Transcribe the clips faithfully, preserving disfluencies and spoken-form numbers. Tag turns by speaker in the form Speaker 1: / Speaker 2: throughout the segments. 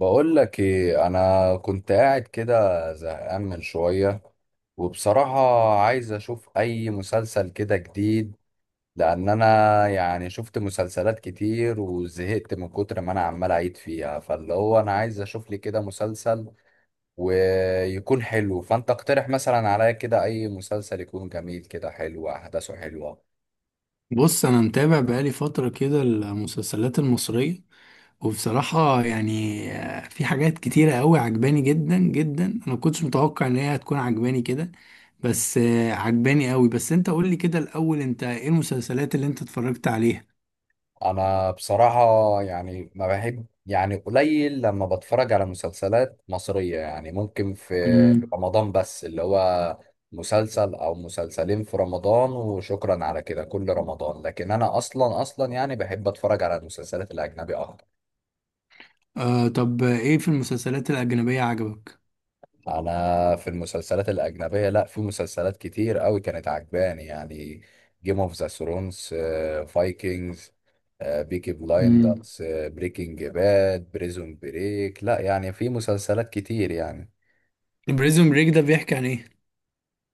Speaker 1: بقول لك ايه، انا كنت قاعد كده زهقان من شويه. وبصراحه عايز اشوف اي مسلسل كده جديد، لان انا يعني شفت مسلسلات كتير وزهقت من كتر ما انا عمال اعيد فيها. فاللي هو انا عايز اشوف لي كده مسلسل ويكون حلو. فانت اقترح مثلا عليا كده اي مسلسل يكون جميل كده، حلو احداثه حلوه.
Speaker 2: بص، انا متابع بقالي فتره كده المسلسلات المصريه. وبصراحه يعني آه، في حاجات كتيره قوي عجباني جدا جدا. انا ما كنتش متوقع ان هي هتكون عجباني كده، بس آه، عجباني قوي. بس انت قول لي كده الاول، انت ايه المسلسلات اللي انت اتفرجت عليها؟
Speaker 1: انا بصراحة يعني ما بحب، يعني قليل لما بتفرج على مسلسلات مصرية. يعني ممكن في
Speaker 2: امم.
Speaker 1: رمضان بس، اللي هو مسلسل او مسلسلين في رمضان وشكرا على كده كل رمضان. لكن انا اصلا اصلا يعني بحب اتفرج على المسلسلات الاجنبية اكتر.
Speaker 2: آه، طب آه، ايه في المسلسلات الاجنبيه عجبك؟
Speaker 1: انا في المسلسلات الاجنبيه، لا، في مسلسلات كتير قوي كانت عجباني يعني: جيم اوف ذا ثرونز، فايكنجز، بيكي
Speaker 2: امم.
Speaker 1: بلايندرز، بريكنج باد، بريزون بريك. لا يعني في مسلسلات كتير يعني.
Speaker 2: بريزون بريك ده بيحكي عن ايه؟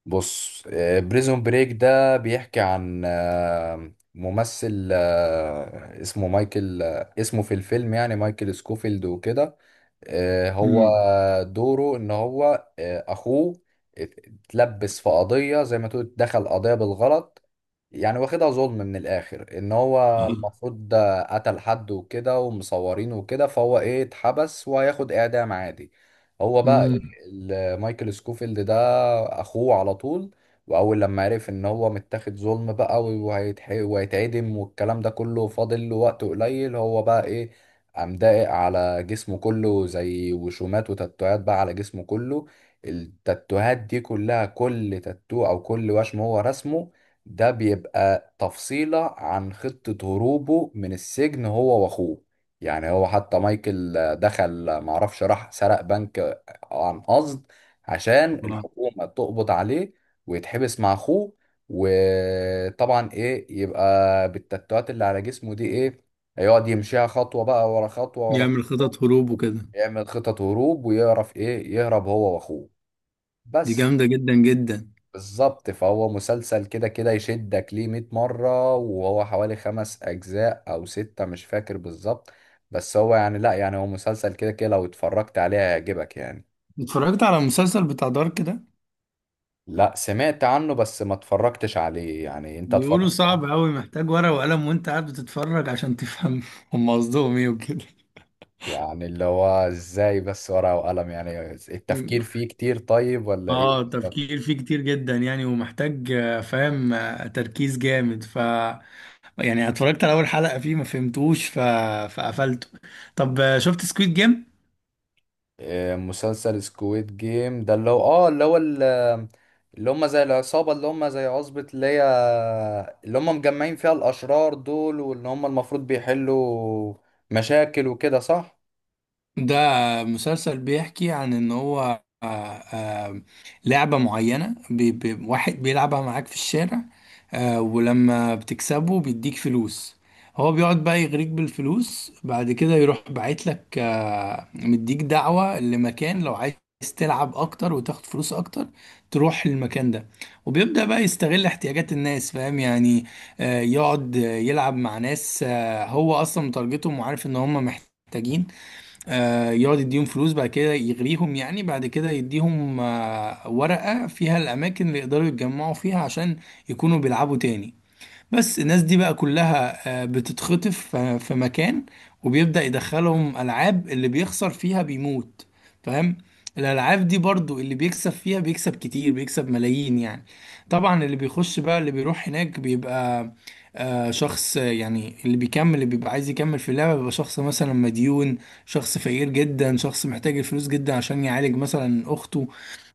Speaker 1: بص، بريزون بريك ده بيحكي عن آه، ممثل، آه، اسمه مايكل، آه، اسمه في الفيلم يعني مايكل سكوفيلد وكده. آه، هو
Speaker 2: امم.
Speaker 1: دوره ان هو آه، اخوه اتلبس في قضية، زي ما تقول دخل قضية بالغلط. يعني واخدها ظلم من الاخر، ان هو المفروض ده قتل حد وكده ومصورينه وكده، فهو ايه، اتحبس وهياخد اعدام عادي. هو بقى ايه،
Speaker 2: امم.
Speaker 1: ال- مايكل سكوفيلد ده اخوه على طول. واول لما عرف ان هو متاخد ظلم بقى وهيتح- وهيتعدم والكلام ده كله، فاضل له وقت قليل. هو بقى ايه، قام داقق على جسمه كله زي وشومات وتاتوهات بقى على جسمه كله. التاتوهات دي كلها، كل تاتو او كل وشم هو رسمه، ده بيبقى تفصيلة عن خطة هروبه من السجن هو واخوه. يعني هو حتى مايكل آه، دخل معرفش راح سرق بنك آه، عن قصد، عشان الحكومة تقبض عليه ويتحبس مع اخوه. وطبعا ايه يبقى بالتاتوهات اللي على جسمه دي ايه، يقعد يمشيها خطوة بقى ورا خطوة ورا
Speaker 2: يعمل
Speaker 1: خطوة.
Speaker 2: خطط هروب وكده.
Speaker 1: يعمل خطط هروب ويعرف ايه يهرب هو واخوه
Speaker 2: دي
Speaker 1: بس.
Speaker 2: جامده جدا جدا.
Speaker 1: بالظبط، فهو مسلسل كده كده يشدك ليه مية مرة. وهو حوالي خمس أجزاء أو ستة مش فاكر بالظبط. بس هو يعني، لا يعني هو مسلسل كده كده لو اتفرجت عليه هيعجبك يعني.
Speaker 2: اتفرجت على المسلسل بتاع دارك ده؟
Speaker 1: لا، سمعت عنه بس ما اتفرجتش عليه. يعني انت
Speaker 2: بيقولوا
Speaker 1: اتفرجت
Speaker 2: صعب
Speaker 1: عليه؟
Speaker 2: أوي، محتاج ورقة وقلم وأنت قاعد بتتفرج عشان تفهم هم قصدهم إيه وكده.
Speaker 1: يعني اللي هو ازاي بس، ورقة وقلم؟ يعني التفكير فيه كتير طيب ولا ايه؟
Speaker 2: اه، تفكير فيه كتير جدا يعني، ومحتاج آه، فاهم، آه، تركيز جامد ف يعني. اتفرجت على اول حلقة فيه ما فهمتوش، ف... فقفلته. طب آه، شفت سكويد جيم؟
Speaker 1: آه، مسلسل سكويد جيم ده اللي هو، اه اللي هو ال- اللي هم زي العصابة، اللي هم زي عصبة اللي هي اللي هم مجمعين فيها الأشرار دول، واللي هم المفروض بيحلوا مشاكل وكده، صح؟
Speaker 2: ده مسلسل بيحكي عن ان هو آه، آه، لعبة معينة بي بي واحد بيلعبها معاك في الشارع. آه، ولما بتكسبه بيديك فلوس، هو بيقعد بقى يغريك بالفلوس، بعد كده يروح باعت لك آه، مديك دعوة لمكان لو عايز تلعب اكتر وتاخد فلوس اكتر، تروح المكان ده. وبيبدأ بقى يستغل احتياجات الناس، فاهم يعني. آه، يقعد يلعب مع ناس آه، هو اصلا متارجتهم وعارف ان هم محتاجين. آه، يقعد يديهم فلوس، بعد كده يغريهم يعني، بعد كده يديهم آه، ورقة فيها الأماكن اللي يقدروا يتجمعوا فيها عشان يكونوا بيلعبوا تاني. بس الناس دي بقى كلها آه، بتتخطف ف- في مكان، وبيبدأ يدخلهم ألعاب، اللي بيخسر فيها بيموت، فاهم. الألعاب دي برضو اللي بيكسب فيها بيكسب كتير، بيكسب ملايين يعني. طبعا اللي بيخش بقى اللي بيروح هناك بيبقى آه، شخص، آه، يعني اللي بيكمل اللي بيبقى عايز يكمل في اللعبة بيبقى شخص مثلا مديون، شخص فقير جدا، شخص محتاج الفلوس جدا عشان يعالج مثلا أخته،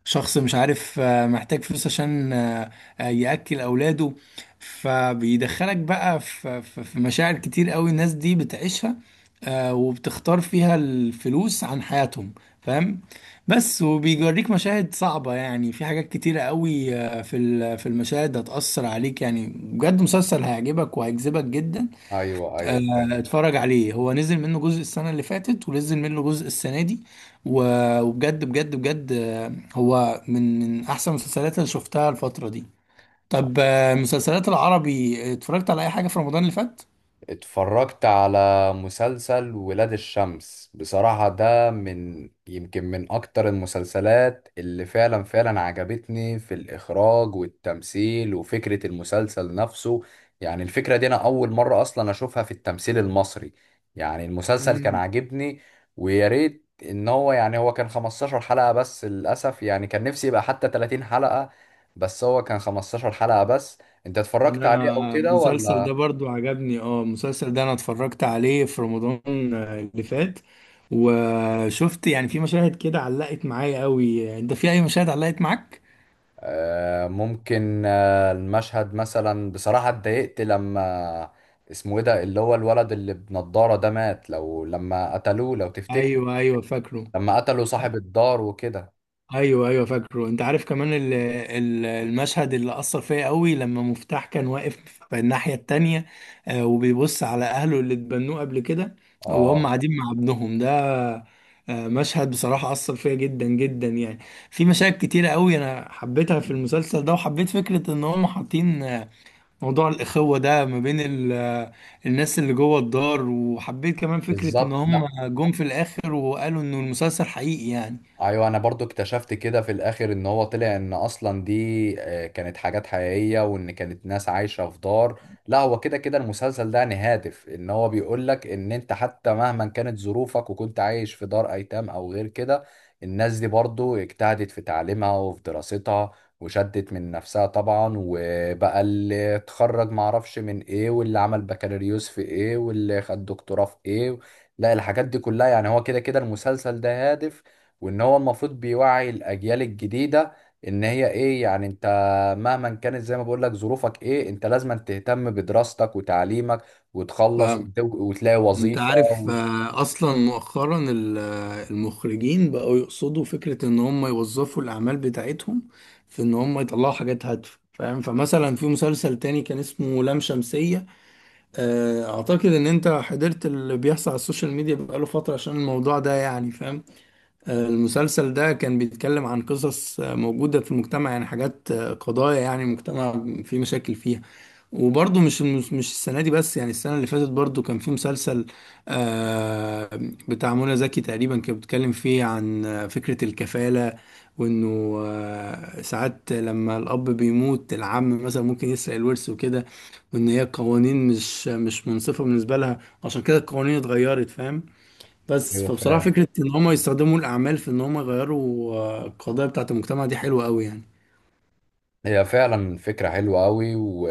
Speaker 2: شخص مش عارف آه، محتاج فلوس عشان آه، آه، يأكل أولاده. فبيدخلك بقى في في في مشاعر كتير قوي الناس دي بتعيشها، آه، وبتختار فيها الفلوس عن حياتهم، فاهم. بس وبيوريك مشاهد صعبة يعني، في حاجات كتيرة قوي آه، في ال- في المشاهد هتأثر عليك يعني، بجد مسلسل هيعجبك وهيجذبك جدا.
Speaker 1: ايوه ايوه،
Speaker 2: آه،
Speaker 1: فاهم.
Speaker 2: اتفرج عليه، هو نزل منه جزء السنة اللي فاتت ونزل منه جزء السنة دي. و- وبجد بجد بجد آه، هو من من أحسن المسلسلات اللي شفتها الفترة دي. طب آه، مسلسلات العربي، اتفرجت على اي حاجة في رمضان اللي فات؟
Speaker 1: اتفرجت على مسلسل ولاد الشمس بصراحة. ده من يمكن من أكتر المسلسلات اللي فعلا فعلا عجبتني، في الإخراج والتمثيل وفكرة المسلسل نفسه. يعني الفكرة دي أنا أول مرة أصلا أشوفها في التمثيل المصري. يعني المسلسل كان
Speaker 2: امم.
Speaker 1: عاجبني. ويا ريت إن هو، يعني هو كان خمستاشر حلقة بس للأسف، يعني كان نفسي يبقى حتى تلاتين حلقة. بس هو كان خمستاشر حلقة بس. أنت اتفرجت عليه أو
Speaker 2: انا
Speaker 1: كده
Speaker 2: المسلسل ده
Speaker 1: ولا؟
Speaker 2: برضو عجبني. اه، المسلسل ده انا اتفرجت عليه في رمضان آه، اللي فات. وشفت يعني في مشاهد كده علقت معايا قوي. انت في اي مشاهد علقت معاك؟
Speaker 1: آه، ممكن آه، المشهد مثلا، بصراحة اتضايقت لما، اسمه ايه ده اللي هو الولد اللي بنضارة ده، مات لو، لما قتلوه، لو تفتكر.
Speaker 2: ايوه، ايوه، فاكره.
Speaker 1: لما قتلوا صاحب الدار وكده.
Speaker 2: ايوه، ايوه، فاكره. انت عارف كمان ال- ال- المشهد اللي اثر فيا قوي لما مفتاح كان واقف في الناحيه التانية، آه، وبيبص على اهله اللي اتبنوه قبل كده، وهم
Speaker 1: اه،
Speaker 2: قاعدين مع ابنهم ده. آه، مشهد بصراحه اثر فيا جدا جدا يعني. في مشاهد كتيره قوي انا حبيتها في المسلسل ده، وحبيت فكره ان هم حاطين آه، موضوع الاخوه ده ما بين ال- آه، الناس اللي جوه الدار، وحبيت كمان فكره ان
Speaker 1: بالظبط.
Speaker 2: هم
Speaker 1: لا،
Speaker 2: جم في الاخر وقالوا انه المسلسل حقيقي يعني.
Speaker 1: ايوه، انا برضو اكتشفت كده في الاخر ان هو طلع ان اصلا دي آه، كانت حاجات حقيقية، وان كانت ناس عايشة في دار. لا هو كده كده المسلسل ده يعني هادف، ان هو بيقول لك ان انت حتى مهما كانت ظروفك وكنت عايش في دار ايتام او غير كده، الناس دي برضو اجتهدت في تعليمها وفي دراستها وشدت من نفسها طبعا. وبقى اللي اتخرج معرفش من ايه، واللي عمل بكالوريوس في ايه، واللي خد دكتوراه في ايه. لا، الحاجات دي كلها يعني، هو كده كده المسلسل ده هادف. وان هو المفروض بيوعي الاجيال الجديده ان هي ايه، يعني انت مهما كانت زي ما بقول لك ظروفك ايه، انت لازم تهتم بدراستك وتعليمك وتخلص، وت- وتلاقي
Speaker 2: انت
Speaker 1: وظيفه
Speaker 2: عارف
Speaker 1: وت-
Speaker 2: آه، اصلا مؤخرا ال- آه، المخرجين بقوا يقصدوا فكرة ان هم يوظفوا الاعمال بتاعتهم في ان هم يطلعوا حاجات هادفة، فاهم. فمثلا في مسلسل تاني كان اسمه لام شمسية. آه، اعتقد ان انت حضرت اللي بيحصل على السوشيال ميديا بقاله فترة عشان الموضوع ده يعني، فاهم. المسلسل ده كان بيتكلم عن قصص موجودة في المجتمع، يعني حاجات قضايا، يعني مجتمع فيه مشاكل فيها. وبرضه مش مش مش السنة دي بس يعني، السنة اللي فاتت برضه كان في مسلسل آه، بتاع منى زكي تقريبا، كان بيتكلم فيه عن فكرة الكفالة. وإنه آه، ساعات لما الأب بيموت، العم مثلا ممكن يسرق الورث وكده. وإن هي قوانين مش مش منصفة بالنسبة لها، عشان كده القوانين اتغيرت، فاهم. بس
Speaker 1: ايوه
Speaker 2: فبصراحة
Speaker 1: فاهم.
Speaker 2: فكرة إن هم يستخدموا الأعمال في إن هم يغيروا آه، القضايا بتاعة المجتمع دي حلوة أوي يعني.
Speaker 1: هي فعلا فكره حلوه قوي. و...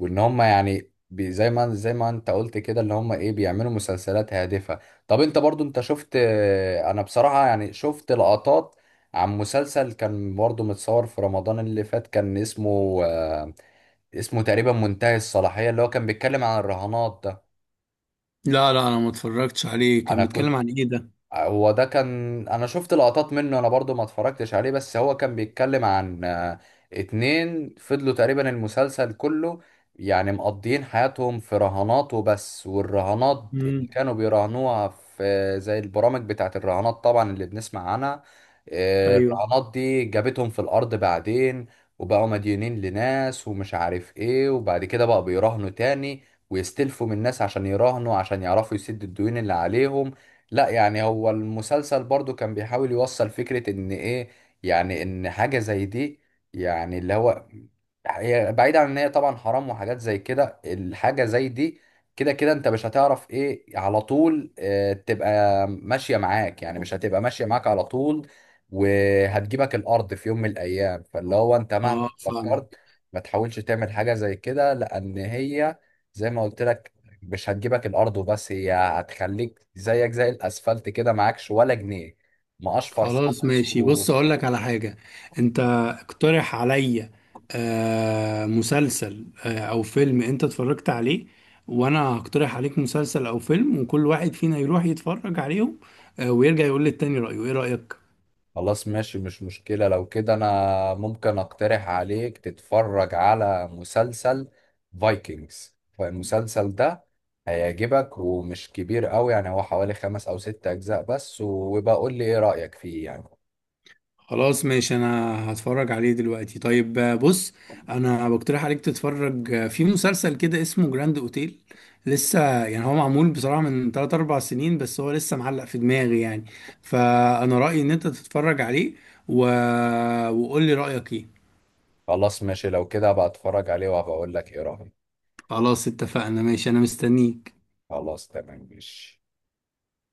Speaker 1: وان هم يعني، بي- زي ما زي ما انت قلت كده، اللي هم ايه، بيعملوا مسلسلات هادفه. طب انت برضو انت شفت، انا بصراحه يعني شفت لقطات عن مسلسل كان برضو متصور في رمضان اللي فات. كان اسمه، اسمه تقريبا منتهي الصلاحية، اللي هو كان بيتكلم عن الرهانات ده.
Speaker 2: لا، لا، أنا ما اتفرجتش عليه. كان
Speaker 1: أنا
Speaker 2: بيتكلم
Speaker 1: كنت،
Speaker 2: عن إيه ده؟
Speaker 1: هو ده كان، انا شفت لقطات منه، انا برضو ما اتفرجتش عليه. بس هو كان بيتكلم عن آه، اتنين فضلوا تقريبا المسلسل كله يعني مقضيين حياتهم في رهانات وبس. والرهانات اللي
Speaker 2: امم.
Speaker 1: كانوا بيراهنوها في زي البرامج بتاعت الرهانات طبعا اللي بنسمع عنها. آه،
Speaker 2: أيوه.
Speaker 1: الرهانات دي جابتهم في الارض بعدين، وبقوا مديونين لناس ومش عارف ايه. وبعد كده بقى بيراهنوا تاني ويستلفوا من الناس عشان يراهنوا، عشان يعرفوا يسدوا الديون اللي عليهم. لا يعني هو المسلسل برضو كان بيحاول يوصل فكرة ان ايه، يعني ان حاجة زي دي، يعني اللي هو هي بعيد عن ان هي طبعا حرام وحاجات زي كده، الحاجة زي دي كده كده انت مش هتعرف ايه على طول. اه تبقى ماشية معاك يعني، مش هتبقى ماشية معاك على طول، وهتجيبك الارض في يوم من الايام. فاللي هو انت مهما
Speaker 2: أه،
Speaker 1: فكرت
Speaker 2: فاهمك.
Speaker 1: ما تحاولش تعمل حاجة زي كده، لان هي زي ما قلت لك، مش هتجيبك الارض وبس، هي هتخليك زيك زي الاسفلت كده، معكش ولا جنيه، مقشفر
Speaker 2: خلاص
Speaker 1: خالص.
Speaker 2: ماشي،
Speaker 1: و...
Speaker 2: بص أقول لك على حاجة. أنت اقترح عليا آه مسلسل آه أو فيلم أنت اتفرجت عليه، وأنا هقترح عليك مسلسل أو فيلم، وكل واحد فينا يروح يتفرج عليهم آه ويرجع يقول للتاني رأيه. إيه رأيك؟
Speaker 1: خلاص ماشي، مش مشكلة. لو كده انا ممكن اقترح عليك تتفرج على مسلسل فايكنجز. فالمسلسل ده هيعجبك ومش كبير قوي، يعني هو حوالي خمس او ست اجزاء بس. وبقى قول لي ايه رأيك فيه يعني.
Speaker 2: خلاص ماشي، انا هتفرج عليه دلوقتي. طيب آه، بص، انا بقترح عليك تتفرج آه، في مسلسل كده اسمه جراند اوتيل. لسه، يعني هو معمول بصراحة من ثلاث اربعة سنين، بس هو لسه معلق في دماغي يعني. فانا رأيي ان انت تتفرج عليه، و... وقول لي رأيك ايه.
Speaker 1: خلاص ماشي، لو كده بقى اتفرج عليه، وهبقى اقول لك ايه رأيي.
Speaker 2: خلاص اتفقنا، ماشي، انا مستنيك.
Speaker 1: خلاص تمام ماشي.